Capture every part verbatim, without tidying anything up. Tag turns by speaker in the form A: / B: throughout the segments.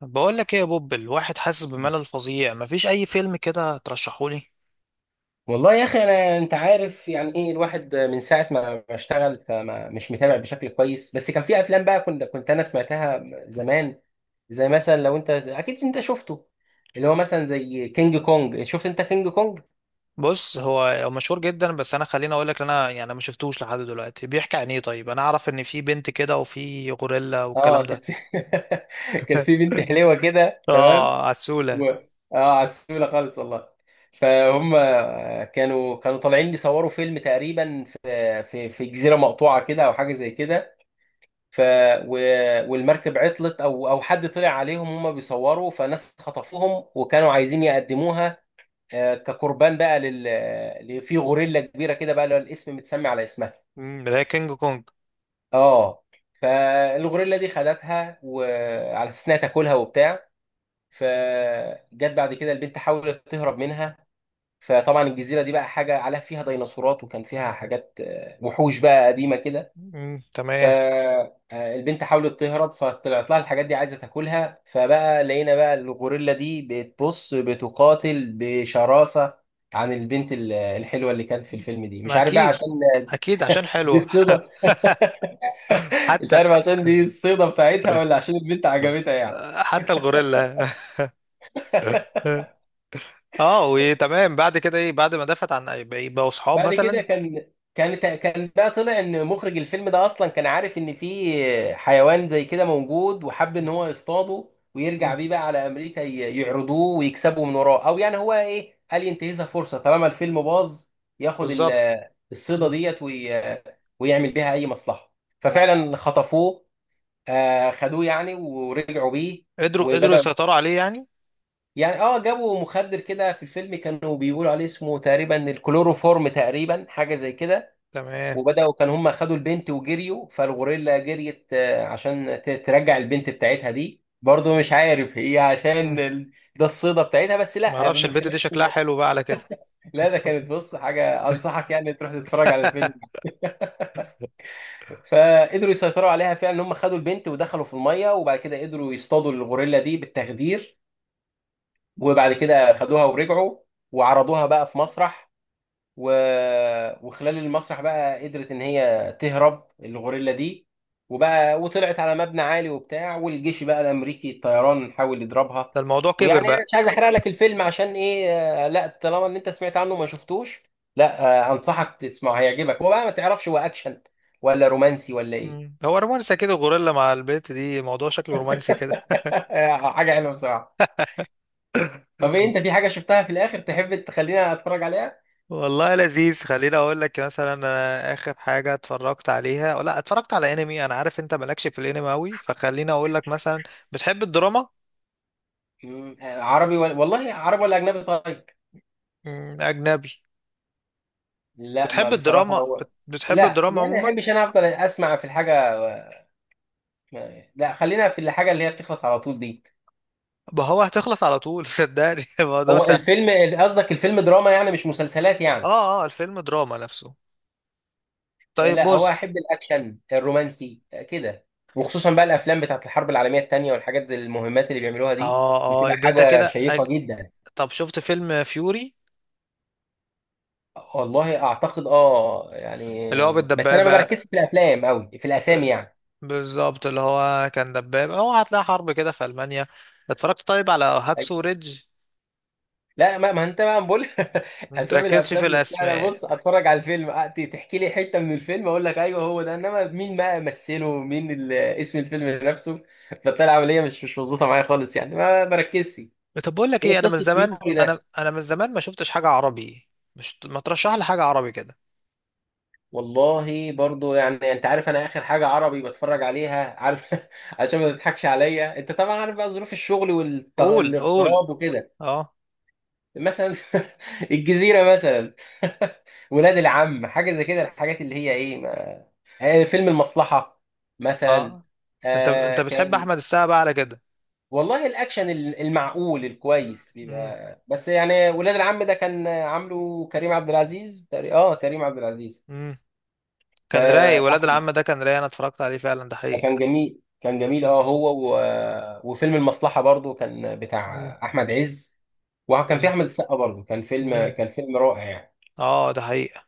A: بقول لك ايه يا بوب؟ الواحد حاسس بملل فظيع، مفيش اي فيلم كده ترشحولي؟
B: والله يا اخي انا انت عارف يعني ايه الواحد من ساعه ما ما اشتغل فما مش متابع بشكل كويس، بس كان في افلام بقى كنت كنت انا سمعتها زمان. زي مثلا لو انت اكيد انت شفته، اللي هو مثلا زي كينج كونج. شفت انت كينج كونج؟
A: بص، هو هو مشهور جدا، بس انا خليني اقول لك، انا يعني ما شفتوش لحد دلوقتي، بيحكي عن ايه؟ طيب، انا اعرف ان في بنت كده وفي غوريلا والكلام
B: اه كان
A: ده.
B: في كان في بنت حلوه كده، تمام.
A: اه،
B: و...
A: عسولة.
B: اه عسوله خالص والله. فهم كانوا كانوا طالعين يصوروا فيلم تقريبا في في في جزيره مقطوعه كده او حاجه زي كده. ف و... والمركب عطلت، او او حد طلع عليهم هم بيصوروا، فناس خطفوهم وكانوا عايزين يقدموها آه، كقربان بقى لل ل- في غوريلا كبيره كده بقى اللي هو الاسم متسمي على اسمها.
A: مم، ده كينج كونج.
B: اه فالغوريلا دي خدتها وعلى اساس انها تاكلها وبتاع. فجت بعد كده البنت حاولت تهرب منها. فطبعا الجزيره دي بقى حاجه عليها، فيها ديناصورات وكان فيها حاجات آه، وحوش بقى قديمه كده.
A: مم، تمام.
B: فالبنت حاولت تهرب فطلعت لها الحاجات دي عايزه تاكلها، فبقى لقينا بقى الغوريلا دي بتبص بتقاتل بشراسه عن البنت ال- الحلوه اللي كانت في الفيلم دي. مش
A: ما
B: عارف بقى
A: اكيد،
B: عشان
A: اكيد عشان
B: دي
A: حلوة.
B: الصيده مش
A: حتى.
B: عارف عشان دي الصيده بتاعتها ولا عشان البنت عجبتها يعني.
A: آه، حتى الغوريلا. اه، وتمام، بعد كده ايه؟ بعد ما دافت عن، بقوا صحاب
B: بعد كده
A: مثلا؟
B: كان كان كان بقى طلع ان مخرج الفيلم ده اصلا كان عارف ان في حيوان زي كده موجود، وحب ان هو يصطاده ويرجع
A: مم،
B: بيه بقى على امريكا ي- يعرضوه ويكسبوا من وراه، او يعني هو ايه، قال ينتهزها فرصه طالما الفيلم باظ، ياخد ال-
A: بالظبط.
B: الصيده ديت وي- ويعمل بيها اي مصلحه. ففعلا خطفوه آه، خدوه يعني ورجعوا بيه
A: قدروا قدروا
B: وبداوا،
A: يسيطروا عليه يعني.
B: يعني اه جابوا مخدر كده في الفيلم كانوا بيقولوا عليه اسمه تقريبا الكلوروفورم، تقريبا حاجه زي كده.
A: تمام.
B: وبداوا كان هم خدوا البنت وجريوا، فالغوريلا جريت آه، عشان ت- ترجع البنت بتاعتها دي. برضو مش عارف هي عشان
A: مم.
B: ال- ده الصيدة بتاعتها، بس
A: ما
B: لا
A: اعرفش
B: من
A: البت
B: خلال
A: دي شكلها حلو بقى على كده.
B: لا ده كانت، بص حاجة، أنصحك يعني تروح تتفرج على الفيلم. فقدروا يسيطروا عليها فعلا، هم خدوا البنت ودخلوا في المية، وبعد كده قدروا يصطادوا الغوريلا دي بالتخدير. وبعد كده خدوها ورجعوا وعرضوها بقى في مسرح. و... وخلال المسرح بقى قدرت ان هي تهرب الغوريلا دي، وبقى وطلعت على مبنى عالي وبتاع، والجيش بقى الامريكي الطيران حاول يضربها.
A: ده الموضوع
B: ويعني
A: كبر
B: انا
A: بقى.
B: مش عايز احرق لك الفيلم عشان ايه آه، لا طالما ان انت سمعت عنه وما شفتوش، لا آه، انصحك تسمعه هيعجبك. هو بقى ما تعرفش هو اكشن ولا رومانسي ولا ايه.
A: مم. هو رومانسي كده؟ غوريلا مع البت دي، موضوع شكله رومانسي كده.
B: حاجه حلوه بصراحه. طب ايه،
A: مم.
B: انت في حاجه شفتها في الاخر تحب تخلينا اتفرج عليها؟
A: والله لذيذ. خليني اقول لك مثلا، انا اخر حاجه اتفرجت عليها، أو لا، اتفرجت على انمي. انا عارف انت مالكش في الانمي قوي، فخليني اقول لك مثلا. بتحب الدراما؟
B: مم، آه، عربي ولا، والله عربي ولا اجنبي طيب؟
A: مم، اجنبي.
B: لا ما
A: بتحب
B: بصراحة
A: الدراما،
B: هو
A: بت- بتحب
B: لا
A: الدراما
B: يعني ما
A: عموما؟
B: بحبش انا، افضل اسمع في الحاجة، لا خلينا في الحاجة اللي هي بتخلص على طول دي.
A: ما هو هتخلص على طول. صدقني الموضوع
B: هو
A: سهل.
B: الفيلم، قصدك الفيلم دراما يعني مش مسلسلات يعني؟
A: اه، اه، الفيلم دراما نفسه. طيب،
B: لا هو
A: بص.
B: احب الاكشن الرومانسي كده، وخصوصا بقى الافلام بتاعت الحرب العالمية التانية والحاجات زي المهمات اللي بيعملوها دي،
A: اه، اه،
B: بتبقى
A: يبقى انت
B: حاجة
A: كده
B: شيقة
A: أك-
B: جدا.
A: طب، شفت فيلم فيوري؟
B: والله اعتقد اه يعني،
A: اللي هو
B: بس انا ما
A: بالدبابة،
B: بركزش في الافلام قوي في الاسامي
A: ب-
B: يعني.
A: بالظبط، اللي هو كان دبابة، هو هتلاقي حرب كده في ألمانيا. اتفرجت طيب على هاكسو ريدج؟
B: لا ما, ما انت بقى بقول اسامي
A: متركزش
B: الافلام
A: في
B: نفسها، انا
A: الأسماء.
B: بص اتفرج على الفيلم أ- ت- تحكي لي حته من الفيلم اقول لك ايوه هو ده، انما مين بقى مثله مين ال- اسم الفيلم نفسه فبتاع العمليه مش مش مظبوطه معايا خالص يعني، ما بركزش.
A: طب، بقول لك ايه،
B: ايه
A: انا من
B: قصه
A: زمان
B: يوري
A: انا
B: ده؟
A: انا من زمان ما شفتش حاجة عربي. مش ما ترشح لي حاجة عربي كده؟
B: والله برضو يعني، انت عارف انا اخر حاجه عربي بتفرج عليها، عارف عشان ما تضحكش عليا، انت طبعا عارف بقى ظروف الشغل
A: قول، قول.
B: والاغتراب وكده،
A: اه،
B: مثلا الجزيره مثلا ولاد العم، حاجه زي كده، الحاجات اللي هي ايه آه، فيلم المصلحة مثلا.
A: اه، انت انت
B: آه
A: بتحب
B: كان،
A: احمد السقا بقى على كده؟
B: والله الأكشن ال- المعقول الكويس
A: مم،
B: بيبقى، بس يعني ولاد العم ده كان عامله كريم عبد العزيز تقري- اه كريم عبد العزيز.
A: مم. كان رايق، ولاد
B: فأحمد
A: العم ده كان رايق. انا اتفرجت عليه فعلا، ده حقيقي.
B: كان جميل، كان جميل اه، هو و... وفيلم المصلحة برضو كان
A: مم.
B: بتاع أحمد عز، وكان في
A: بالظبط.
B: أحمد السقا برضو، كان فيلم،
A: مم.
B: كان فيلم رائع يعني.
A: اه، ده حقيقة.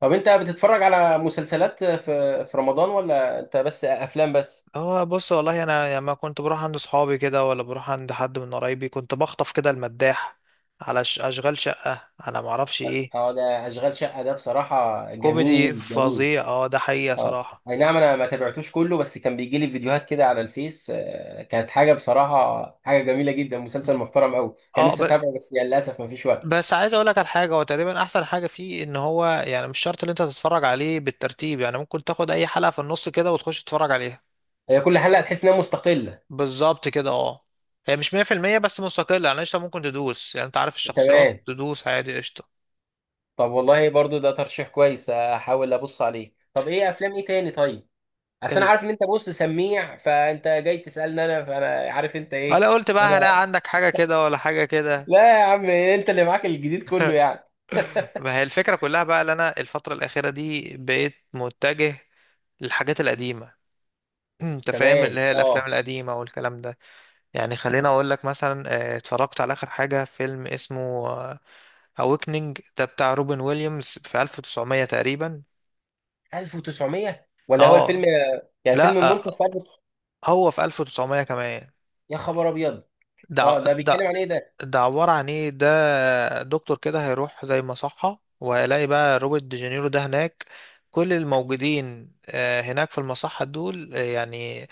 B: طب أنت بتتفرج على مسلسلات في في رمضان ولا أنت بس أفلام بس؟
A: هو بص، والله انا لما كنت بروح عند صحابي كده، ولا بروح عند حد من قرايبي، كنت بخطف كده المداح، على ش- اشغال شقة، على معرفش ايه.
B: اه ده اشغال شقه ده بصراحه
A: كوميدي
B: جميل جميل.
A: فظيع، اه، ده حقيقة
B: اه
A: صراحة.
B: اي نعم، انا ما تابعتوش كله، بس كان بيجي لي فيديوهات كده على الفيس آه، كانت حاجه بصراحه، حاجه جميله جدا، مسلسل محترم قوي، كان
A: اه،
B: نفسي
A: ب...
B: اتابعه بس يعني للاسف ما فيش وقت.
A: بس عايز اقول لك على حاجة، هو تقريبا احسن حاجة فيه ان هو يعني مش شرط ان انت تتفرج عليه بالترتيب، يعني ممكن تاخد اي حلقة في النص كده وتخش تتفرج عليها.
B: هي كل حلقه تحس انها مستقله.
A: بالظبط كده، اه، هي مش مية في المية بس مستقلة، يعني قشطة ممكن تدوس، يعني انت عارف الشخصيات،
B: تمام.
A: تدوس عادي، قشطة.
B: طب والله برضو ده ترشيح كويس، احاول ابص عليه. طب ايه افلام ايه تاني طيب؟ اصل انا عارف ان انت، بص سميع فانت جاي تسالني انا، فانا عارف انت ايه.
A: ولا قلت بقى هلاقي
B: أنا-
A: عندك حاجة كده ولا حاجة كده.
B: لا يا عم، انت اللي معاك الجديد كله يعني.
A: ما هي الفكرة كلها بقى، اللي أنا الفترة الأخيرة دي بقيت متجه للحاجات القديمة. أنت فاهم،
B: تمام.
A: اللي هي الأفلام
B: اه
A: القديمة والكلام ده. يعني خليني أقول لك مثلا، آه، اتفرجت على آخر حاجة، فيلم اسمه أويكنينج، ده بتاع روبن ويليامز في ألف وتسعمية تقريبا.
B: ألف وتسعمية ولا هو الفيلم؟
A: اه،
B: يعني الفيلم
A: لا،
B: منتج
A: آه،
B: في ألف وتسعمية؟
A: هو في ألف وتسعمية كمان.
B: يا خبر ابيض.
A: ده
B: اه ده
A: ده
B: بيتكلم عن ايه ده؟
A: ده عبارة عن ايه؟ ده دكتور كده، هيروح زي مصحة، وهيلاقي بقى روبرت دي جانيرو ده هناك. كل الموجودين آه، هناك في المصحة دول، آه، يعني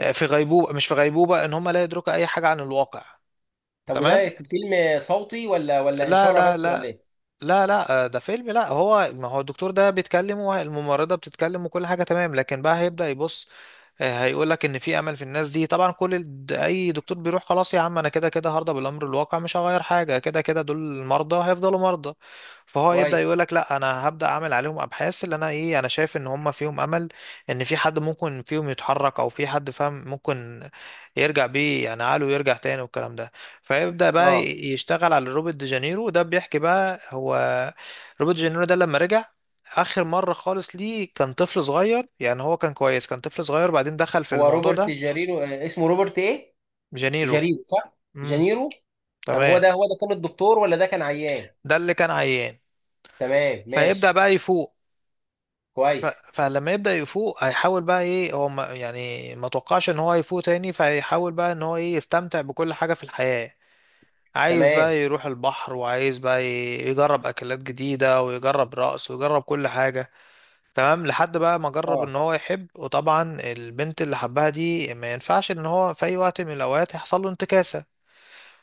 A: آه، في غيبوبة، مش في غيبوبة، ان هم لا يدركوا اي حاجة عن الواقع.
B: طب وده
A: تمام.
B: فيلم صوتي ولا ولا
A: لا،
B: اشاره
A: لا،
B: بس ولا
A: لا،
B: ايه؟
A: لا، لا، آه، ده فيلم. لا، هو ما هو الدكتور ده بيتكلم، والممرضة بتتكلم، وكل حاجة تمام، لكن بقى هيبدأ يبص. آه، هيقول لك ان في امل في الناس دي. طبعا كل ال- اي دكتور بيروح خلاص يا عم، انا كده كده هرضى بالامر الواقع، مش هغير حاجة، كده كده دول المرضى هيفضلوا مرضى. فهو يبدأ
B: كويس.
A: يقول لك، لا، انا هبدأ اعمل عليهم ابحاث، اللي انا ايه، انا شايف ان هم فيهم امل، ان في حد ممكن فيهم يتحرك، او في حد فاهم ممكن يرجع بيه، يعني عقله يرجع تاني والكلام ده. فيبدأ بقى
B: اه
A: ي- يشتغل على روبرت دي جانيرو، وده بيحكي بقى، هو روبرت دي جانيرو ده لما رجع آخر مرة خالص ليه، كان طفل صغير، يعني هو كان كويس، كان طفل صغير، بعدين دخل في
B: هو
A: الموضوع
B: روبرت
A: ده.
B: جاريرو آه، اسمه روبرت ايه؟
A: جانيرو.
B: جاريرو صح.
A: امم.
B: جانيرو. طب هو
A: تمام،
B: ده هو ده كان الدكتور ولا ده كان عيان؟
A: ده اللي كان عيان.
B: تمام
A: فيبدأ
B: ماشي.
A: بقى يفوق. ف...
B: كويس.
A: فلما يبدأ يفوق، هيحاول بقى ايه، هو ما يعني ما توقعش ان هو يفوق تاني، فيحاول بقى ان هو ايه، يستمتع بكل حاجة في الحياة. عايز
B: تمام
A: بقى يروح البحر، وعايز بقى ي- يجرب أكلات جديدة، ويجرب رقص، ويجرب كل حاجة. تمام لحد بقى ما جرب
B: اه.
A: ان هو يحب، وطبعا البنت اللي حبها دي ما ينفعش ان هو في اي وقت من الاوقات يحصل له انتكاسة.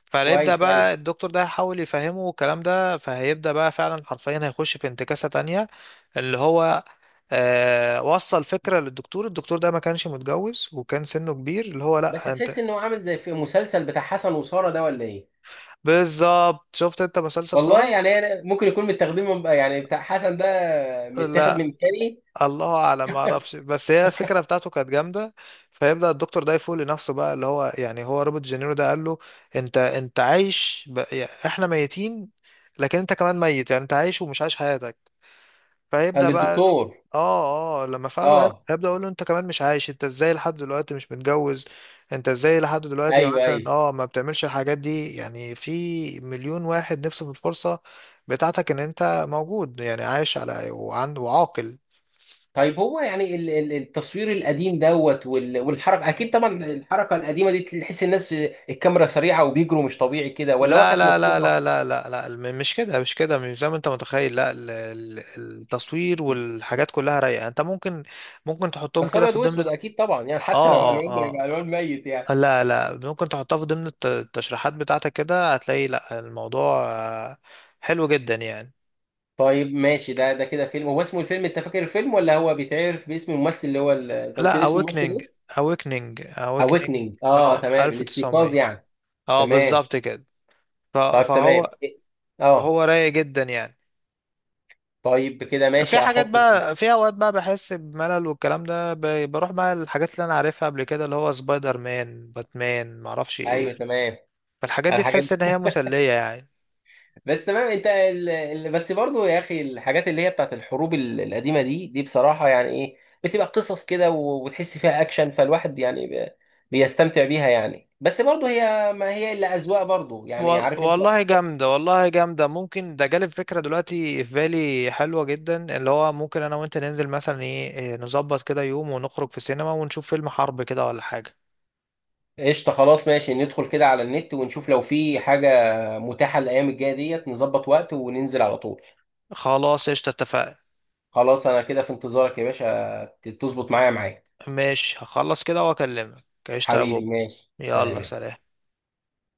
A: فهيبدأ
B: كويس ايوه.
A: بقى الدكتور ده يحاول يفهمه الكلام ده، فهيبدأ بقى فعلا حرفيا هيخش في انتكاسة تانية. اللي هو آه وصل فكرة للدكتور. الدكتور ده ما كانش متجوز، وكان سنه كبير، اللي هو
B: بس
A: لا انت.
B: تحس انه عامل زي في المسلسل بتاع حسن وساره ده ولا ايه؟
A: بالظبط. شفت انت مسلسل
B: والله
A: سارة؟
B: يعني أنا ممكن يكون متاخدين من، يعني بتاع حسن ده متاخد من
A: لا،
B: التاني.
A: الله اعلم، ما اعرفش. بس هي الفكره بتاعته كانت جامده. فيبدا الدكتور ده يفوق لنفسه بقى، اللي هو يعني، هو روبرت جينيرو ده قال له، انت انت عايش ب... يعني احنا ميتين، لكن انت كمان ميت، يعني انت عايش ومش عايش حياتك.
B: آه،
A: فيبدا بقى
B: للدكتور.
A: اه اه لما فعله هيب-
B: اه
A: هيبدا يقول له، انت كمان مش عايش، انت ازاي لحد دلوقتي مش متجوز؟ انت ازاي لحد دلوقتي
B: ايوه
A: مثلا
B: ايوه.
A: اه ما بتعملش الحاجات دي، يعني في مليون واحد نفسه في الفرصه بتاعتك ان انت موجود، يعني عايش على وعنده وعاقل.
B: طيب هو يعني ال- ال- التصوير القديم دوت وال- والحركه اكيد طبعا، الحركه القديمه دي تحس الناس الكاميرا سريعه وبيجروا مش طبيعي كده، ولا هو
A: لا،
B: كانت
A: لا، لا،
B: مظبوطه؟
A: لا، لا، لا، لا، الم- مش كده، مش كده، مش زي ما انت متخيل. لا، ال- ال- التصوير والحاجات كلها رايقه، انت ممكن ممكن تحطهم
B: بس
A: كده
B: ابيض
A: في ضمن.
B: واسود اكيد طبعا يعني، حتى لو
A: اه،
B: الوان ده يبقى
A: اه،
B: الوان ميت
A: اه،
B: يعني.
A: لا، لا، ممكن تحطها في ضمن الت- التشريحات بتاعتك كده، هتلاقي لا، الموضوع آه، حلو جدا يعني.
B: طيب ماشي، ده ده كده فيلم، هو اسمه الفيلم انت فاكر الفيلم ولا هو بيتعرف باسم الممثل اللي هو ال- انت
A: لا،
B: قلت لي اسم الممثل
A: awakening،
B: ايه؟
A: awakening، awakening.
B: اويكننج.
A: اه،
B: اه تمام، الاستيقاظ
A: ألف وتسعميه،
B: يعني.
A: اه
B: تمام.
A: بالظبط كده. ف-
B: طيب تمام،
A: فهو
B: إيه؟ اه.
A: فهو رايق جدا يعني.
B: طيب كده
A: في
B: ماشي
A: حاجات
B: احطه.
A: بقى، في اوقات بقى بحس بملل والكلام ده، ب- بروح بقى الحاجات اللي انا عارفها قبل كده، اللي هو سبايدر مان، باتمان، معرفش
B: ايوه
A: ايه.
B: تمام.
A: فالحاجات دي
B: الحاجات
A: تحس ان
B: دي.
A: هي مسلية يعني.
B: بس تمام انت ال... ال... بس برضو يا اخي، الحاجات اللي هي بتاعت الحروب ال- القديمه دي دي بصراحه يعني ايه، بتبقى قصص كده، و... وتحس فيها اكشن، فالواحد يعني ب... بيستمتع بيها يعني. بس برضو هي ما هي الا اذواق، برضو يعني
A: وال-
B: عارف انت.
A: والله جامدة، والله جامدة. ممكن ده جالب فكرة دلوقتي في بالي حلوة جدا، اللي هو ممكن انا وانت ننزل مثلا ايه إيه، نظبط كده يوم ونخرج في السينما ونشوف فيلم حرب كده ولا حاجة.
B: قشطه خلاص ماشي، ندخل كده على النت ونشوف لو في حاجه متاحه الايام الجايه ديت، نظبط وقت وننزل على طول.
A: خلاص، قشطة، اتفقنا.
B: خلاص انا كده في انتظارك يا باشا، تظبط معايا معاك.
A: ماشي، هخلص كده واكلمك. قشطة يا بوب.
B: حبيبي ماشي، سلام
A: يلا،
B: يا.
A: سلام.